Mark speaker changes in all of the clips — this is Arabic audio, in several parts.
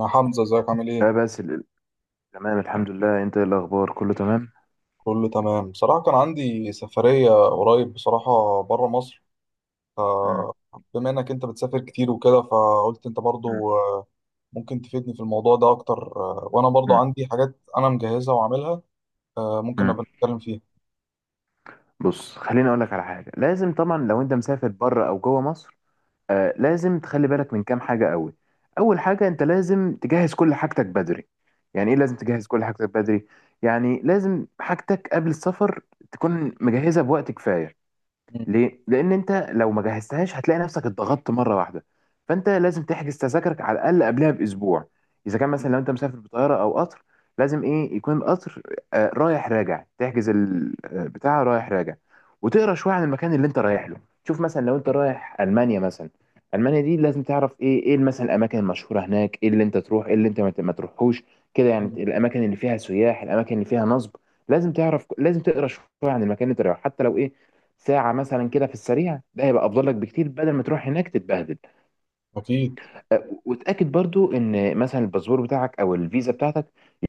Speaker 1: يا حمزة ازيك عامل ايه؟
Speaker 2: لا، تمام الحمد لله. انت ايه الاخبار؟ كله تمام؟
Speaker 1: كله تمام بصراحة، كان عندي سفرية قريب بصراحة برا مصر.
Speaker 2: مم.
Speaker 1: فبما انك انت بتسافر كتير وكده، فقلت انت
Speaker 2: مم.
Speaker 1: برضو ممكن تفيدني في الموضوع ده اكتر، وانا برضو
Speaker 2: مم.
Speaker 1: عندي حاجات انا مجهزها وعاملها، ممكن
Speaker 2: مم.
Speaker 1: نبقى نتكلم فيها.
Speaker 2: بص، خليني اقول لك على حاجه. لازم طبعا لو انت مسافر بره او جوه مصر، لازم تخلي بالك من كام حاجه قوي. اول حاجه، انت لازم تجهز كل حاجتك بدري. يعني ايه لازم تجهز كل حاجتك بدري؟ يعني لازم حاجتك قبل السفر تكون مجهزه بوقت كفايه.
Speaker 1: مم.
Speaker 2: ليه؟ لأن أنت لو ما جهزتهاش هتلاقي نفسك اتضغطت مرة واحدة. فأنت لازم تحجز تذاكرك على الأقل قبلها بأسبوع. إذا كان مثلا لو أنت مسافر بطيارة أو قطر، لازم إيه يكون القطر رايح راجع، تحجز البتاع رايح راجع. وتقرا شوية عن المكان اللي أنت رايح له. شوف مثلا لو أنت رايح ألمانيا مثلا، ألمانيا دي لازم تعرف إيه مثلا الأماكن المشهورة هناك، إيه اللي أنت تروح، إيه اللي أنت ما تروحوش. كده يعني
Speaker 1: مم.
Speaker 2: الأماكن اللي فيها سياح، الأماكن اللي فيها نصب. لازم تعرف، لازم تقرا شوية عن المكان اللي أنت رايحه، حتى لو إيه ساعة مثلا كده في السريع. ده هيبقى أفضل لك بكتير بدل ما تروح هناك تتبهدل.
Speaker 1: اكيد.
Speaker 2: وتأكد برضو إن مثلا الباسبور بتاعك أو الفيزا بتاعتك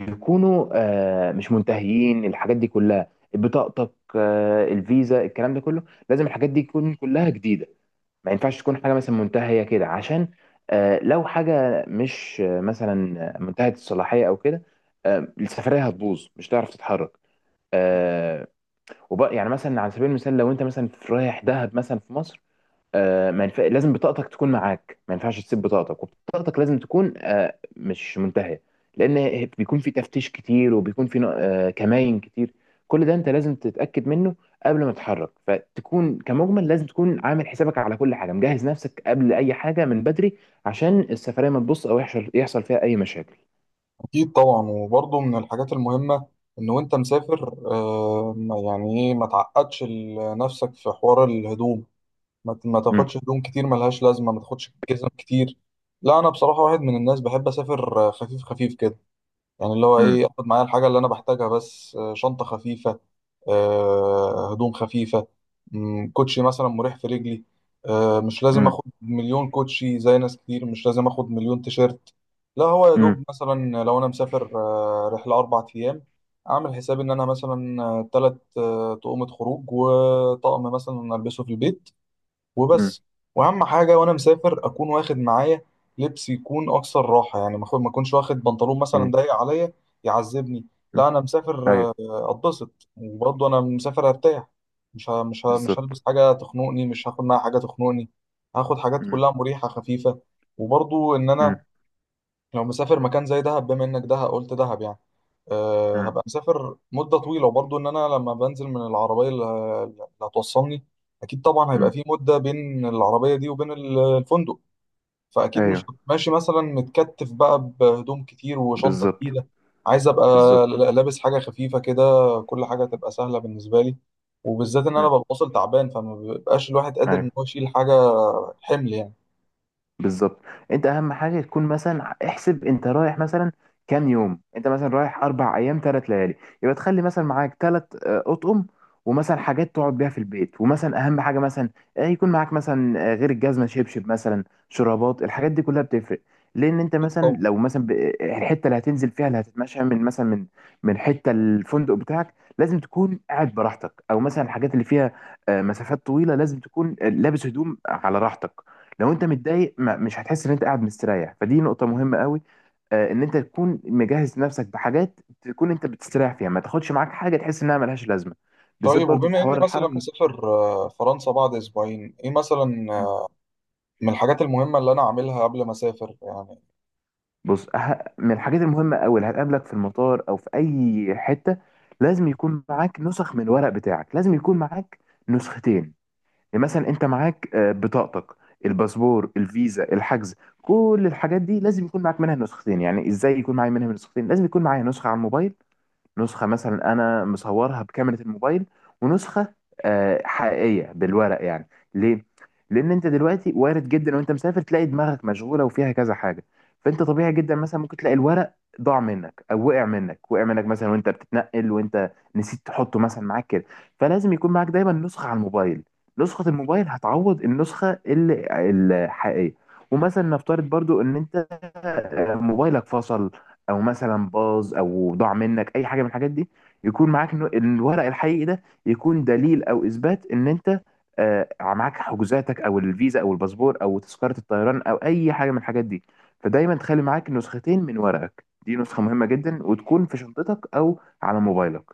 Speaker 2: يكونوا مش منتهيين. الحاجات دي كلها، بطاقتك، الفيزا، الكلام ده كله لازم الحاجات دي تكون كلها جديدة. ما ينفعش تكون حاجة مثلا منتهية كده عشان لو حاجة مش مثلا منتهية الصلاحية أو كده، السفرية هتبوظ، مش هتعرف تتحرك. آه، وبقى يعني مثلا على سبيل المثال لو انت مثلا في رايح دهب مثلا في مصر، آه، ما ينف... لازم بطاقتك تكون معاك. ما ينفعش تسيب بطاقتك، وبطاقتك لازم تكون مش منتهية. لأن بيكون في تفتيش كتير، وبيكون في كمائن كتير. كل ده أنت لازم تتأكد منه قبل ما تتحرك. فتكون كمجمل لازم تكون عامل حسابك على كل حاجة، مجهز نفسك قبل أي حاجة من بدري، عشان السفرية ما تبص أو يحصل فيها أي مشاكل.
Speaker 1: اكيد طبعا، وبرضو من الحاجات المهمة ان وانت مسافر، يعني ايه ما تعقدش نفسك في حوار الهدوم، ما ت- ما
Speaker 2: مم.
Speaker 1: تاخدش هدوم كتير ملهاش لازمة، ما تاخدش جزم كتير. لا، أنا بصراحة واحد من الناس بحب أسافر خفيف خفيف كده، يعني اللي هو
Speaker 2: مم.
Speaker 1: إيه، أخد معايا الحاجة اللي أنا بحتاجها بس. شنطة خفيفة، هدوم خفيفة. كوتشي مثلا مريح في رجلي. مش لازم
Speaker 2: مم.
Speaker 1: أخد مليون كوتشي زي ناس كتير، مش لازم أخد مليون تيشيرت. لا، هو يا
Speaker 2: مم.
Speaker 1: دوب مثلا لو أنا مسافر رحلة 4 أيام، أعمل حسابي إن أنا مثلا 3 تقومة خروج وطقم مثلا ألبسه في البيت،
Speaker 2: مم.
Speaker 1: وبس. واهم حاجه وانا مسافر اكون واخد معايا لبس يكون اكثر راحه، يعني ما اكونش واخد بنطلون مثلا ضيق عليا يعذبني. لا
Speaker 2: مم.
Speaker 1: انا مسافر،
Speaker 2: ايوه.
Speaker 1: اتبسط، وبرضه انا مسافر ارتاح. مش
Speaker 2: بالظبط.
Speaker 1: هلبس حاجه تخنقني، مش هاخد معايا حاجه تخنقني. هاخد حاجات
Speaker 2: مم.
Speaker 1: كلها مريحه خفيفه. وبرضه ان انا
Speaker 2: مم.
Speaker 1: لو مسافر مكان زي دهب، بما انك دهب قلت دهب يعني، أه
Speaker 2: مم.
Speaker 1: هبقى مسافر مدة طويلة. وبرضه ان انا لما بنزل من العربية اللي هتوصلني، اكيد طبعا هيبقى
Speaker 2: مم.
Speaker 1: في مدة بين العربية دي وبين الفندق. فاكيد مش
Speaker 2: ايوه.
Speaker 1: هبقى ماشي مثلا متكتف بقى بهدوم كتير وشنطة
Speaker 2: بالظبط.
Speaker 1: تقيلة، عايز ابقى
Speaker 2: بالظبط.
Speaker 1: لابس حاجة خفيفة كده، كل حاجة تبقى سهلة بالنسبة لي، وبالذات ان انا
Speaker 2: مم.
Speaker 1: ببقى واصل تعبان، فما بيبقاش الواحد قادر
Speaker 2: ايوه.
Speaker 1: ان هو يشيل حاجة، حمل يعني.
Speaker 2: بالظبط. انت اهم حاجه تكون مثلا، احسب انت رايح مثلا كام يوم. انت مثلا رايح 4 ايام، 3 ليالي، يبقى تخلي مثلا معاك ثلاث اطقم، ومثلا حاجات تقعد بيها في البيت. ومثلا اهم حاجه مثلا، يكون معاك مثلا، غير الجزمه، شبشب مثلا، شرابات. الحاجات دي كلها بتفرق. لان انت
Speaker 1: اكيد
Speaker 2: مثلا
Speaker 1: طبعا.
Speaker 2: لو مثلا الحته اللي هتنزل فيها، اللي هتتمشى من مثلا من حته الفندق بتاعك، لازم تكون قاعد براحتك. او مثلا الحاجات اللي فيها مسافات طويله، لازم تكون لابس هدوم على راحتك. لو انت متضايق، مش هتحس ان انت قاعد مستريح. فدي نقطة مهمة قوي، ان انت تكون مجهز نفسك بحاجات تكون انت بتستريح فيها. ما تاخدش معاك حاجة تحس انها ملهاش لازمة، بالذات
Speaker 1: طيب،
Speaker 2: برضو في
Speaker 1: وبما اني
Speaker 2: حوار
Speaker 1: مثلا
Speaker 2: الحركة.
Speaker 1: مسافر فرنسا بعد اسبوعين، ايه مثلا
Speaker 2: مم.
Speaker 1: من الحاجات المهمه اللي انا عاملها قبل ما اسافر يعني؟
Speaker 2: بص، من الحاجات المهمة قوي اللي هتقابلك في المطار او في اي حتة، لازم يكون معاك نسخ من الورق بتاعك. لازم يكون معاك نسختين. يعني مثلا انت معاك بطاقتك، الباسبور، الفيزا، الحجز. كل الحاجات دي لازم يكون معاك منها نسختين. يعني ازاي يكون معايا منها نسختين؟ لازم يكون معايا نسخة على الموبايل، نسخة مثلا أنا مصورها بكاميرا الموبايل، ونسخة حقيقية بالورق يعني. ليه؟ لأن أنت دلوقتي وارد جدا وأنت مسافر تلاقي دماغك مشغولة وفيها كذا حاجة. فأنت طبيعي جدا مثلا ممكن تلاقي الورق ضاع منك أو وقع منك مثلا وأنت بتتنقل، وأنت نسيت تحطه مثلا معاك كده. فلازم يكون معاك دايما نسخة على الموبايل. نسخة الموبايل هتعوض النسخة الحقيقية. ومثلا نفترض برضو ان انت موبايلك فصل، او مثلا باظ، او ضاع منك اي حاجه من الحاجات دي، يكون معاك الورق الحقيقي ده، يكون دليل او اثبات ان انت معاك حجوزاتك او الفيزا او الباسبور او تذكره الطيران او اي حاجه من الحاجات دي. فدايما تخلي معاك نسختين من ورقك. دي نسخه مهمه جدا، وتكون في شنطتك او على موبايلك.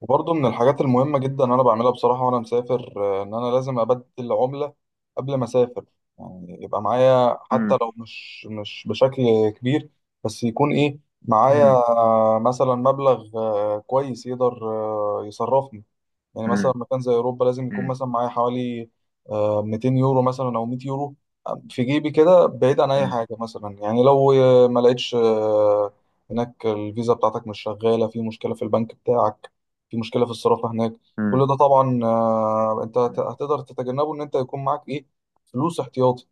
Speaker 1: وبرضه من الحاجات المهمه جدا انا بعملها بصراحه وانا مسافر، ان انا لازم ابدل عمله قبل ما اسافر يعني، يبقى معايا
Speaker 2: مم.
Speaker 1: حتى لو مش بشكل كبير، بس يكون ايه، معايا
Speaker 2: مم.
Speaker 1: مثلا مبلغ كويس يقدر يصرفني. يعني مثلا
Speaker 2: مم.
Speaker 1: مكان زي اوروبا لازم يكون
Speaker 2: مم.
Speaker 1: مثلا معايا حوالي 200 يورو مثلا او 100 يورو، في جيبي كده، بعيد عن اي حاجه. مثلا يعني لو ما لقيتش، هناك الفيزا بتاعتك مش شغاله، في مشكله في البنك بتاعك، في مشكله في الصرافه هناك،
Speaker 2: مم.
Speaker 1: كل ده طبعا انت
Speaker 2: مم.
Speaker 1: هتقدر تتجنبه ان انت يكون معاك ايه، فلوس احتياطي.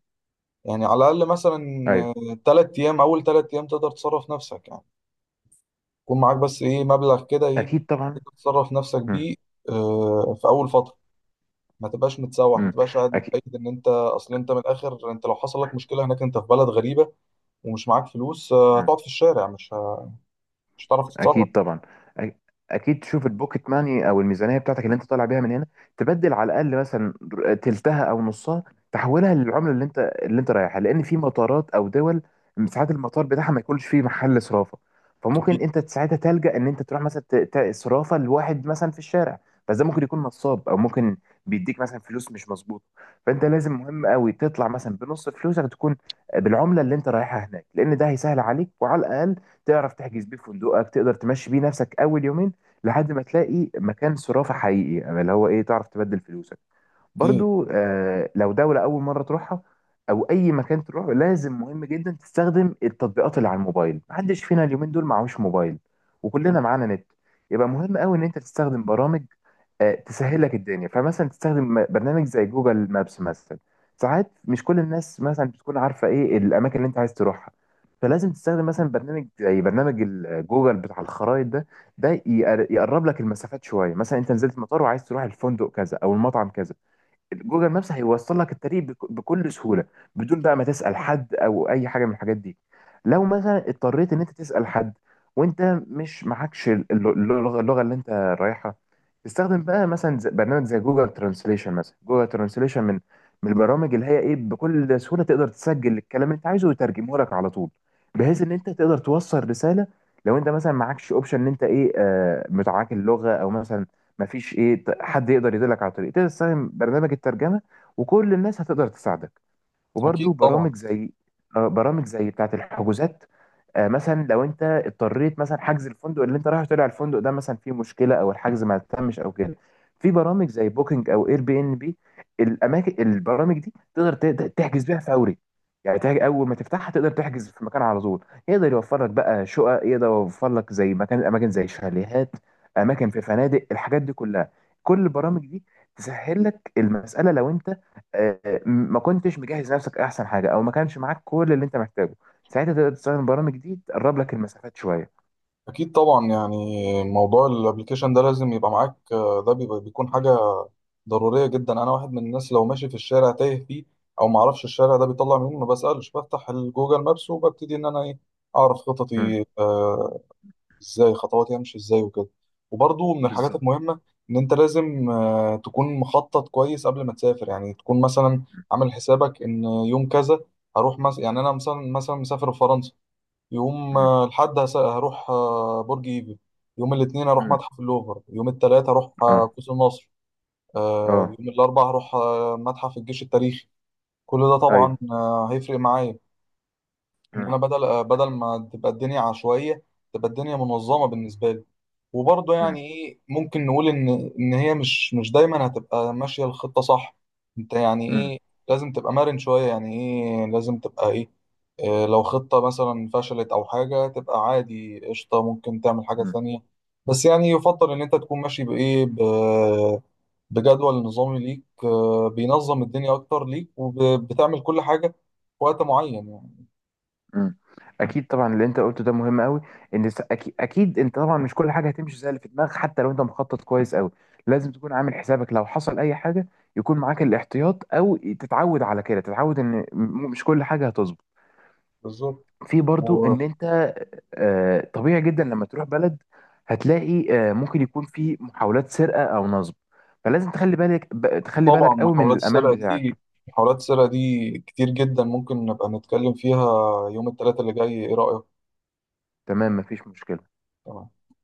Speaker 1: يعني على الاقل مثلا
Speaker 2: ايوه.
Speaker 1: 3 ايام، اول 3 ايام تقدر تصرف نفسك يعني، يكون معاك بس ايه، مبلغ كده ايه
Speaker 2: اكيد طبعا.
Speaker 1: تقدر تصرف نفسك
Speaker 2: مم.
Speaker 1: بيه في اول فتره. ما تبقاش متسوح، ما
Speaker 2: مم.
Speaker 1: تبقاش قاعد
Speaker 2: اكيد.
Speaker 1: متأكد ان انت، اصل انت من الاخر انت لو حصل لك مشكله هناك، انت في بلد غريبه ومش معاك فلوس،
Speaker 2: مم.
Speaker 1: هتقعد في الشارع، مش هتعرف تتصرف.
Speaker 2: اكيد طبعا. أ- اكيد تشوف البوكيت ماني او الميزانيه بتاعتك اللي انت طالع بيها من هنا، تبدل على الاقل مثلا تلتها او نصها. تحولها للعمله اللي انت رايحها. لان في مطارات او دول ساعات المطار بتاعها ما يكونش فيه محل صرافه. فممكن
Speaker 1: اكيد.
Speaker 2: انت ساعتها تلجأ ان انت تروح مثلا صرافه لواحد مثلا في الشارع. بس ده ممكن يكون نصاب، او ممكن بيديك مثلا فلوس مش مظبوطه. فانت لازم، مهم قوي، تطلع مثلا بنص فلوسك تكون بالعمله اللي انت رايحها هناك. لان ده هيسهل عليك، وعلى الاقل تعرف تحجز بيه فندقك، تقدر تمشي بيه نفسك اول يومين لحد ما تلاقي مكان صرافة حقيقي، أما اللي هو ايه تعرف تبدل فلوسك.
Speaker 1: اكيد.
Speaker 2: برضو آه، لو دولة اول مرة تروحها او اي مكان تروح، لازم مهم جدا تستخدم التطبيقات اللي على الموبايل. محدش فينا اليومين دول معهوش موبايل، وكلنا معانا نت. يبقى مهم قوي ان انت تستخدم برامج تسهل لك الدنيا. فمثلا تستخدم برنامج زي جوجل مابس مثلا. ساعات مش كل الناس مثلا بتكون عارفه ايه الاماكن اللي انت عايز تروحها. فلازم تستخدم مثلا برنامج زي برنامج جوجل بتاع الخرائط ده. ده يقرب لك المسافات شويه. مثلا انت نزلت المطار وعايز تروح الفندق كذا او المطعم كذا، جوجل مابس هيوصل لك الطريق بكل سهوله، بدون بقى ما تسال حد او اي حاجه من الحاجات دي. لو
Speaker 1: مم.
Speaker 2: مثلا اضطريت ان انت تسال حد وانت مش معكش الل- اللغه اللغة اللي انت رايحها، تستخدم بقى مثلا برنامج زي جوجل ترانسليشن مثلا. جوجل ترانسليشن من البرامج اللي هي ايه بكل سهوله تقدر تسجل الكلام اللي انت عايزه ويترجمه لك على طول، بحيث ان انت تقدر توصل رساله. لو انت مثلا معكش اوبشن ان انت ايه متعاك اللغه، او مثلا مفيش حد يقدر يدلك على الطريق، تقدر تستخدم برنامج الترجمه وكل الناس هتقدر تساعدك. وبرده
Speaker 1: اكيد طبعا.
Speaker 2: برامج زي برامج زي بتاعه الحجوزات، مثلا لو انت اضطريت مثلا حجز الفندق اللي انت رايح، طلع الفندق ده مثلا فيه مشكله او الحجز ما تمش او كده، في برامج زي بوكينج او اير بي ان بي. الاماكن، البرامج دي تقدر تحجز بيها فوري. يعني اول ما تفتحها تقدر تحجز في مكان على طول. يقدر يوفر لك بقى شقق، يقدر يوفر لك زي مكان، اماكن زي شاليهات، اماكن في فنادق، الحاجات دي كلها. كل البرامج دي تسهل لك المساله لو انت آه، ما كنتش مجهز نفسك احسن حاجه او ما كانش معاك كل اللي انت محتاجه، ساعتها تقدر تستخدم برامج دي تقرب لك المسافات شويه.
Speaker 1: اكيد طبعا، يعني موضوع الابلكيشن ده لازم يبقى معاك، ده بيكون حاجه ضروريه جدا. انا واحد من الناس لو ماشي في الشارع تايه فيه، او ما اعرفش الشارع ده بيطلع منين، ما بسالش، بفتح الجوجل مابس وببتدي ان انا ايه، اعرف
Speaker 2: مم.
Speaker 1: خططي، ازاي خطواتي همشي ازاي وكده. وبرضو من الحاجات
Speaker 2: بالظبط.
Speaker 1: المهمة ان انت لازم تكون مخطط كويس قبل ما تسافر، يعني تكون مثلا
Speaker 2: مم.
Speaker 1: عامل حسابك ان يوم كذا هروح مثلا، يعني انا مثلا مسافر في فرنسا. يوم
Speaker 2: مم.
Speaker 1: الحد هروح برج ايفل، يوم الاثنين هروح
Speaker 2: مم.
Speaker 1: متحف اللوفر، يوم الثلاثة هروح
Speaker 2: اه.
Speaker 1: قوس النصر،
Speaker 2: اه.
Speaker 1: يوم الاربعاء هروح متحف الجيش التاريخي. كل ده طبعا
Speaker 2: ايوه.
Speaker 1: هيفرق معايا، ان
Speaker 2: مم.
Speaker 1: انا بدل ما تبقى الدنيا عشوائيه، تبقى الدنيا منظمه بالنسبه لي. وبرضه
Speaker 2: مم.
Speaker 1: يعني ايه، ممكن نقول ان هي مش دايما هتبقى ماشيه الخطه صح، انت يعني
Speaker 2: مم.
Speaker 1: ايه لازم تبقى مرن شويه، يعني ايه لازم تبقى ايه، إيه لو خطه مثلا فشلت او حاجه، تبقى عادي قشطه، ممكن تعمل حاجه
Speaker 2: مم.
Speaker 1: ثانيه. بس يعني يفضل ان انت تكون ماشي بايه، بجدول نظامي ليك، بينظم الدنيا اكتر ليك، وبتعمل كل حاجه في وقت معين يعني.
Speaker 2: مم. اكيد طبعا. اللي انت قلته ده مهم قوي. ان اكيد انت طبعا مش كل حاجه هتمشي زي اللي في دماغك. حتى لو انت مخطط كويس قوي، لازم تكون عامل حسابك لو حصل اي حاجه يكون معاك الاحتياط، او تتعود على كده. تتعود ان مش كل حاجه هتظبط.
Speaker 1: بالظبط.
Speaker 2: في برضو ان
Speaker 1: وطبعا
Speaker 2: انت طبيعي جدا لما تروح بلد هتلاقي ممكن يكون في محاولات سرقة او نصب. فلازم تخلي بالك، تخلي بالك قوي من
Speaker 1: محاولات
Speaker 2: الامان
Speaker 1: السرقة دي
Speaker 2: بتاعك.
Speaker 1: محاولات السرقة دي كتير جدا، ممكن نبقى نتكلم فيها يوم الثلاثاء اللي جاي، ايه رأيك؟
Speaker 2: تمام، مفيش مشكلة.
Speaker 1: تمام.